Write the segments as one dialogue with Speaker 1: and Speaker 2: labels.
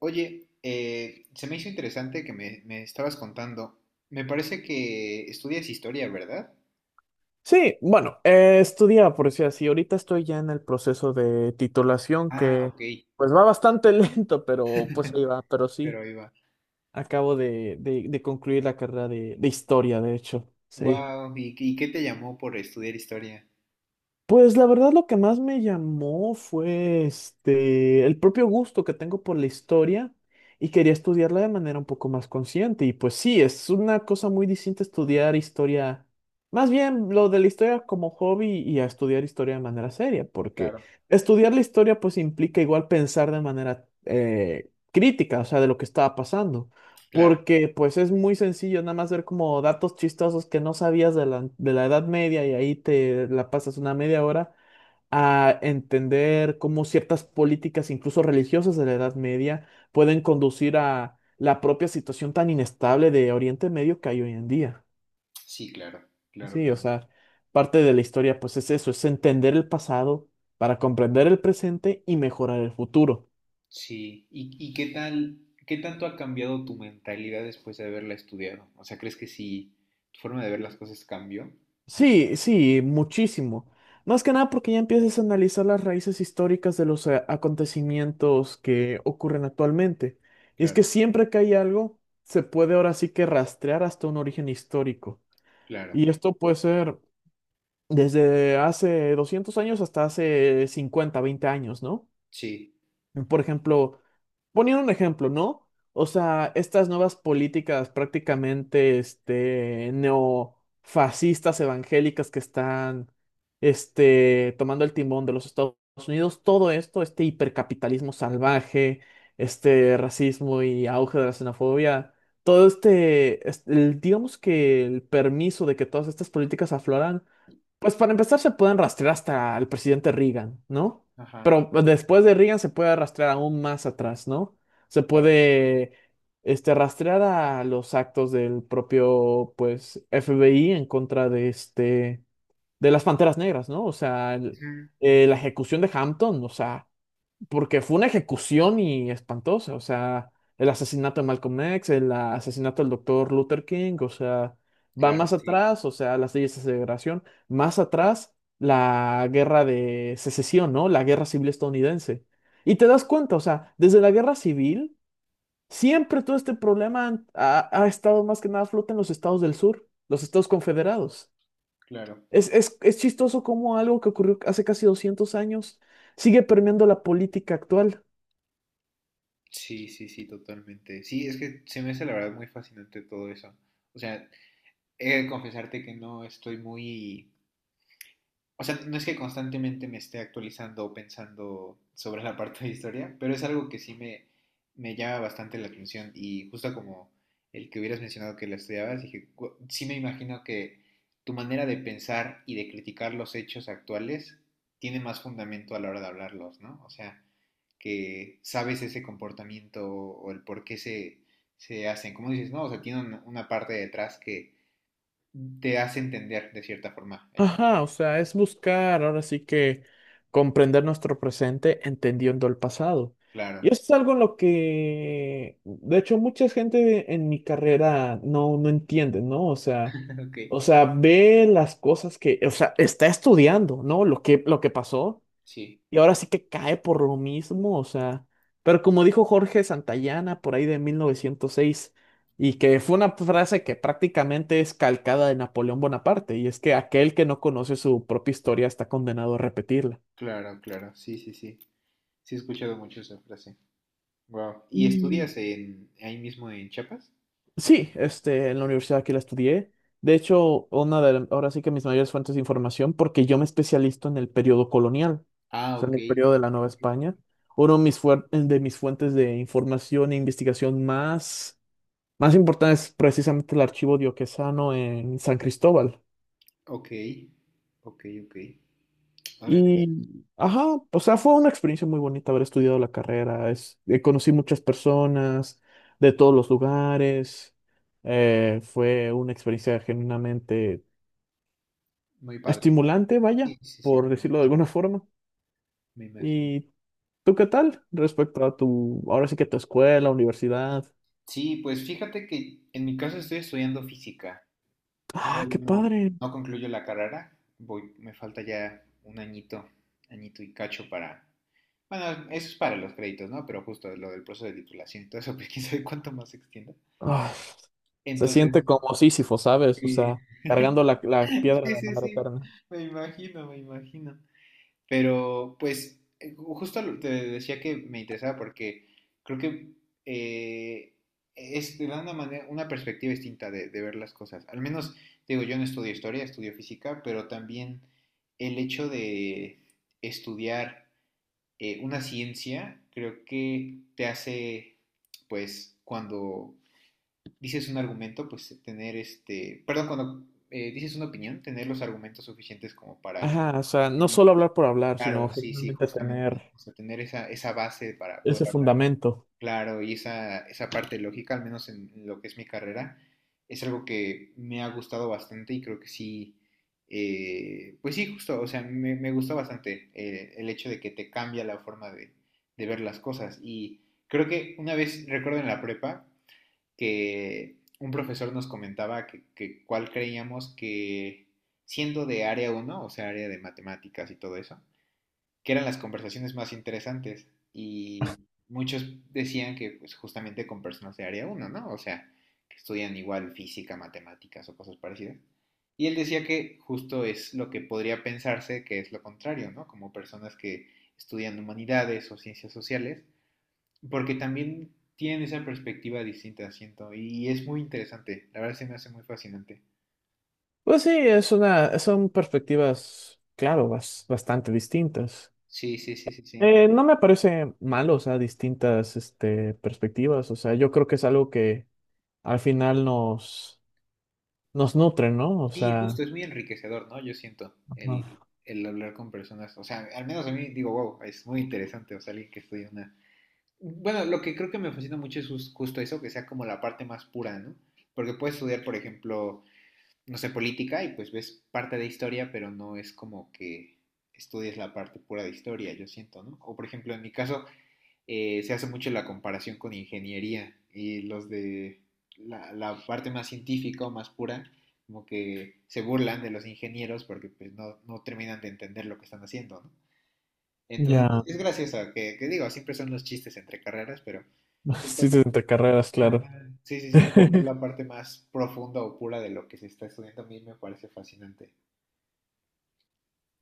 Speaker 1: Oye, se me hizo interesante que me estabas contando. Me parece que estudias historia, ¿verdad?
Speaker 2: Sí, bueno, estudiaba, por decir así. Ahorita estoy ya en el proceso de titulación
Speaker 1: Ah,
Speaker 2: que
Speaker 1: ok.
Speaker 2: pues va bastante lento, pero pues ahí va. Pero sí,
Speaker 1: Pero iba.
Speaker 2: acabo de concluir la carrera de historia, de hecho. Sí.
Speaker 1: Wow. Y qué te llamó por estudiar historia?
Speaker 2: Pues la verdad lo que más me llamó fue el propio gusto que tengo por la historia y quería estudiarla de manera un poco más consciente. Y pues sí, es una cosa muy distinta estudiar historia, más bien lo de la historia como hobby y a estudiar historia de manera seria, porque
Speaker 1: Claro.
Speaker 2: estudiar la historia pues implica igual pensar de manera crítica, o sea, de lo que estaba pasando.
Speaker 1: Claro.
Speaker 2: Porque pues es muy sencillo nada más ver como datos chistosos que no sabías de la Edad Media y ahí te la pasas una media hora a entender cómo ciertas políticas, incluso religiosas de la Edad Media, pueden conducir a la propia situación tan inestable de Oriente Medio que hay hoy en día.
Speaker 1: Sí, claro, claro,
Speaker 2: Sí, o
Speaker 1: claro.
Speaker 2: sea, parte de la historia pues es eso, es entender el pasado para comprender el presente y mejorar el futuro.
Speaker 1: Sí. Y qué tal, qué tanto ha cambiado tu mentalidad después de haberla estudiado? O sea, ¿crees que sí, tu forma de ver las cosas cambió?
Speaker 2: Sí, sí, muchísimo. Más que nada porque ya empiezas a analizar las raíces históricas de los acontecimientos que ocurren actualmente. Y es que
Speaker 1: Claro,
Speaker 2: siempre que hay algo, se puede ahora sí que rastrear hasta un origen histórico.
Speaker 1: claro.
Speaker 2: Y esto puede ser desde hace 200 años hasta hace 50, 20 años, ¿no?
Speaker 1: Sí.
Speaker 2: Por ejemplo, poniendo un ejemplo, ¿no? O sea, estas nuevas políticas prácticamente neofascistas evangélicas que están tomando el timón de los Estados Unidos, todo esto, este hipercapitalismo salvaje, este racismo y auge de la xenofobia, todo digamos que el permiso de que todas estas políticas afloran pues para empezar se pueden rastrear hasta el presidente Reagan, ¿no?
Speaker 1: Ajá,
Speaker 2: Pero después de Reagan se puede rastrear aún más atrás, ¿no? Se
Speaker 1: claro.
Speaker 2: puede rastrear a los actos del propio, pues, FBI en contra de de las Panteras Negras, ¿no? O sea,
Speaker 1: Ujú, ujú.
Speaker 2: la ejecución de Hampton, o sea, porque fue una ejecución y espantosa, o sea, el asesinato de Malcolm X, el asesinato del doctor Luther King, o sea, va
Speaker 1: Claro,
Speaker 2: más
Speaker 1: sí,
Speaker 2: atrás, o sea, las leyes de segregación, más atrás la guerra de secesión, ¿no? La guerra civil estadounidense. Y te das cuenta, o sea, desde la guerra civil, siempre todo este problema ha estado más que nada a flote en los estados del sur, los estados confederados.
Speaker 1: claro.
Speaker 2: Es chistoso cómo algo que ocurrió hace casi 200 años sigue permeando la política actual.
Speaker 1: Sí, sí, sí, totalmente. Sí, es que se me hace la verdad muy fascinante todo eso. O sea, he de confesarte que no estoy muy... O sea, no es que constantemente me esté actualizando o pensando sobre la parte de historia, pero es algo que sí me llama bastante la atención. Y justo como el que hubieras mencionado que la estudiabas, dije, "Gu- sí me imagino que tu manera de pensar y de criticar los hechos actuales tiene más fundamento a la hora de hablarlos, ¿no? O sea, que sabes ese comportamiento o el por qué se hacen. Como dices, no, o sea, tiene una parte detrás que te hace entender de cierta forma el por
Speaker 2: Ajá, o
Speaker 1: qué.
Speaker 2: sea, es buscar ahora sí que comprender nuestro presente entendiendo el pasado. Y
Speaker 1: Claro.
Speaker 2: eso es algo en lo que, de hecho, mucha gente en mi carrera no entiende, ¿no?
Speaker 1: Ok,
Speaker 2: O sea, ve las cosas que, o sea, está estudiando, ¿no? Lo que pasó,
Speaker 1: sí.
Speaker 2: y ahora sí que cae por lo mismo, o sea, pero como dijo Jorge Santayana por ahí de 1906 y que fue una frase que prácticamente es calcada de Napoleón Bonaparte, y es que aquel que no conoce su propia historia está condenado a repetirla.
Speaker 1: Claro, claro, sí, sí, sí. Sí he escuchado mucho esa frase. Wow. ¿Y
Speaker 2: Y
Speaker 1: estudias en ahí mismo en Chiapas?
Speaker 2: sí, en la universidad aquí la estudié. De hecho, una de, ahora sí que mis mayores fuentes de información, porque yo me especializo en el periodo colonial,
Speaker 1: Ah,
Speaker 2: o sea,
Speaker 1: ok.
Speaker 2: en el periodo de la Nueva
Speaker 1: Ok.
Speaker 2: España. Uno de mis, de mis fuentes de información e investigación más importante es precisamente el archivo dioquesano en San Cristóbal.
Speaker 1: Ok, ok, ok. Órale,
Speaker 2: Y, ajá, o sea, fue una experiencia muy bonita haber estudiado la carrera. Es, conocí muchas personas de todos los lugares. Fue una experiencia genuinamente
Speaker 1: muy padre.
Speaker 2: estimulante, vaya,
Speaker 1: Sí, sí, sí,
Speaker 2: por
Speaker 1: me
Speaker 2: decirlo de
Speaker 1: imagino.
Speaker 2: alguna forma.
Speaker 1: Me imagino.
Speaker 2: ¿Y tú qué tal respecto a tu, ahora sí que tu escuela, universidad?
Speaker 1: Sí, pues fíjate que en mi caso estoy estudiando física.
Speaker 2: Ah,
Speaker 1: Todavía
Speaker 2: qué
Speaker 1: no,
Speaker 2: padre.
Speaker 1: no concluyo la carrera, voy, me falta ya un añito, añito y cacho para... Bueno, eso es para los créditos, ¿no? Pero justo lo del proceso de titulación y todo eso, pues quién sabe cuánto más se extienda.
Speaker 2: ah, Se
Speaker 1: Entonces,
Speaker 2: siente como Sísifo, ¿sabes? O
Speaker 1: eh,
Speaker 2: sea, cargando la piedra
Speaker 1: sí,
Speaker 2: de
Speaker 1: sí,
Speaker 2: manera
Speaker 1: sí,
Speaker 2: eterna.
Speaker 1: me imagino, me imagino. Pero pues justo te decía que me interesaba porque creo que eh, es de una manera, una perspectiva distinta de ver las cosas. Al menos, digo, yo no estudio historia, estudio física, pero también el hecho de estudiar una ciencia creo que te hace, pues, cuando dices un argumento, pues tener este, perdón, cuando dices una opinión, tener los argumentos suficientes como para
Speaker 2: Ajá, o sea, no solo hablar por hablar, sino
Speaker 1: claro, sí, sí,
Speaker 2: generalmente
Speaker 1: justamente.
Speaker 2: tener
Speaker 1: O sea, tener esa, esa base para poder
Speaker 2: ese
Speaker 1: hablar.
Speaker 2: fundamento.
Speaker 1: Claro, y esa parte lógica, al menos en lo que es mi carrera, es algo que me ha gustado bastante y creo que sí, pues sí, justo, o sea, me gustó bastante el hecho de que te cambia la forma de ver las cosas. Y creo que una vez, recuerdo en la prepa, que un profesor nos comentaba que cuál creíamos que, siendo de área uno, o sea, área de matemáticas y todo eso, que eran las conversaciones más interesantes y muchos decían que pues, justamente con personas de área uno, ¿no? O sea, que estudian igual física, matemáticas o cosas parecidas. Y él decía que justo es lo que podría pensarse que es lo contrario, ¿no? Como personas que estudian humanidades o ciencias sociales, porque también tienen esa perspectiva distinta, siento, y es muy interesante, la verdad se me hace muy fascinante.
Speaker 2: Pues sí, es una, son perspectivas, claro, bastante distintas.
Speaker 1: Sí, sí, sí, sí, sí.
Speaker 2: No me parece malo, o sea, distintas, perspectivas. O sea, yo creo que es algo que al final nos nutre, ¿no? O
Speaker 1: Sí, justo,
Speaker 2: sea,
Speaker 1: es muy enriquecedor, ¿no? Yo siento
Speaker 2: ajá.
Speaker 1: el hablar con personas, o sea, al menos a mí digo, wow, es muy interesante, o sea, alguien que estudia una... Bueno, lo que creo que me fascina mucho es justo eso, que sea como la parte más pura, ¿no? Porque puedes estudiar, por ejemplo, no sé, política y pues ves parte de historia, pero no es como que estudies la parte pura de historia, yo siento, ¿no? O por ejemplo, en mi caso, se hace mucho la comparación con ingeniería y los de la parte más científica o más pura, como que se burlan de los ingenieros porque pues, no, no terminan de entender lo que están haciendo, ¿no? Entonces,
Speaker 2: Ya,
Speaker 1: es gracioso, digo, siempre son los chistes entre carreras, pero justo-
Speaker 2: sí, entre carreras,
Speaker 1: ajá.
Speaker 2: claro.
Speaker 1: Sí, sí, sí, como ver la parte más profunda o pura de lo que se está estudiando a mí me parece fascinante.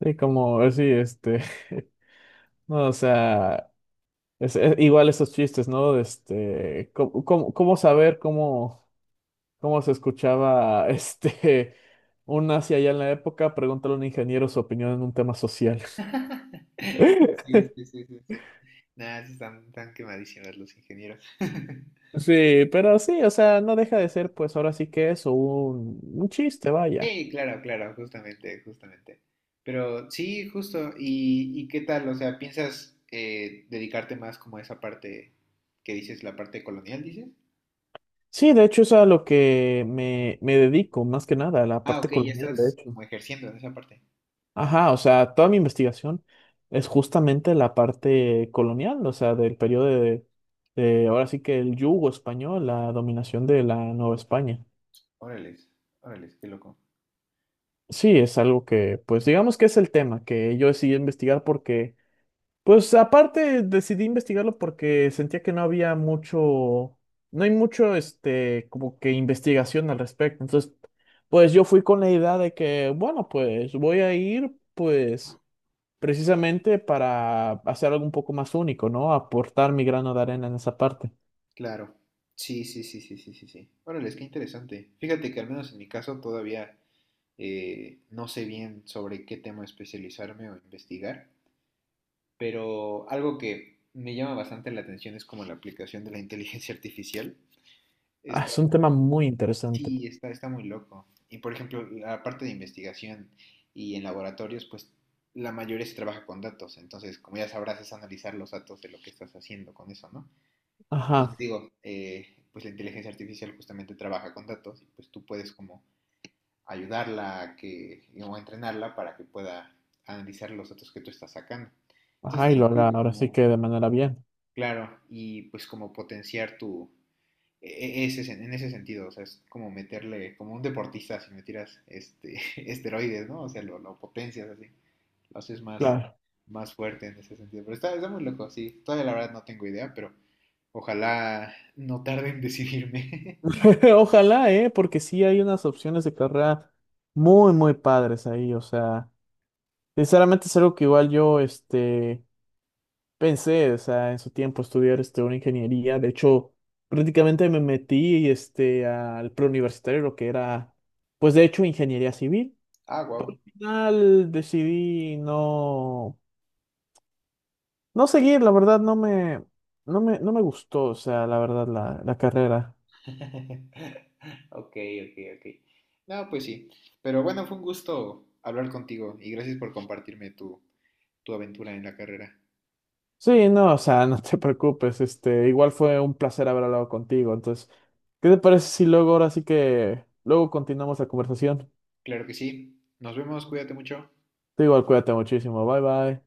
Speaker 2: Sí, como, sí, no, o sea, es igual esos chistes, ¿no? ¿Cómo, cómo saber cómo, cómo se escuchaba, un nazi allá en la época? Pregúntale a un ingeniero su opinión en un tema social.
Speaker 1: Sí, sí, sí, sí, sí. Nada, sí están, están quemadísimos los ingenieros.
Speaker 2: Sí, pero sí, o sea, no deja de ser, pues ahora sí que eso, un chiste, vaya.
Speaker 1: Sí, claro, claro, justamente, justamente. Pero sí, justo. Y qué tal? O sea, ¿piensas dedicarte más como a esa parte que dices, la parte colonial, dices?
Speaker 2: Sí, de hecho es a lo que me dedico, más que nada, a la
Speaker 1: Ah,
Speaker 2: parte
Speaker 1: ok, ya
Speaker 2: colonial, de
Speaker 1: estás
Speaker 2: hecho.
Speaker 1: como ejerciendo en esa parte.
Speaker 2: Ajá, o sea, toda mi investigación es justamente la parte colonial, o sea, del periodo de ahora sí que el yugo español, la dominación de la Nueva España.
Speaker 1: Órales, órales, qué loco.
Speaker 2: Sí, es algo que, pues digamos que es el tema que yo decidí investigar porque, pues aparte decidí investigarlo porque sentía que no había mucho, no hay mucho, como que investigación al respecto. Entonces, pues yo fui con la idea de que, bueno, pues voy a ir, pues precisamente para hacer algo un poco más único, ¿no? Aportar mi grano de arena en esa parte.
Speaker 1: Claro. Sí, sí, sí, sí, sí, sí, sí. Órales, qué interesante. Fíjate que al menos en mi caso todavía no sé bien sobre qué tema especializarme o investigar, pero algo que me llama bastante la atención es como la aplicación de la inteligencia artificial.
Speaker 2: Ah,
Speaker 1: Está,
Speaker 2: es un tema muy interesante.
Speaker 1: sí, está, está muy loco. Y por ejemplo, la parte de investigación y en laboratorios, pues la mayoría se trabaja con datos. Entonces, como ya sabrás, es analizar los datos de lo que estás haciendo con eso, ¿no? Entonces
Speaker 2: Ajá,
Speaker 1: digo, pues la inteligencia artificial justamente trabaja con datos y pues tú puedes como ayudarla a que, o entrenarla para que pueda analizar los datos que tú estás sacando. Entonces,
Speaker 2: ajá, y
Speaker 1: está
Speaker 2: lo
Speaker 1: muy
Speaker 2: haga
Speaker 1: loco
Speaker 2: ahora sí
Speaker 1: como,
Speaker 2: que de manera bien.
Speaker 1: claro, y pues como potenciar tu, ese, en ese sentido, o sea, es como meterle, como un deportista, si me tiras este, esteroides, ¿no? O sea, lo potencias así, lo haces más,
Speaker 2: Claro.
Speaker 1: más fuerte en ese sentido. Pero está, está muy loco, sí. Todavía la verdad no tengo idea, pero ojalá no tarde en decidirme.
Speaker 2: Ojalá, ¿eh? Porque sí hay unas opciones de carrera muy padres ahí. O sea, sinceramente es algo que igual yo, pensé, o sea, en su tiempo estudiar, una ingeniería. De hecho, prácticamente me metí, al preuniversitario, lo que era, pues de hecho, ingeniería civil.
Speaker 1: Ah, wow.
Speaker 2: Final decidí no, no seguir, la verdad no me, no me gustó, o sea, la verdad la carrera.
Speaker 1: Ok, ok, ok. No, pues sí. Pero bueno, fue un gusto hablar contigo y gracias por compartirme tu, tu aventura en la carrera.
Speaker 2: Sí, no, o sea, no te preocupes, igual fue un placer haber hablado contigo, entonces, ¿qué te parece si luego ahora sí que, luego continuamos la conversación?
Speaker 1: Claro que sí. Nos vemos, cuídate mucho.
Speaker 2: Tú igual cuídate muchísimo, bye bye.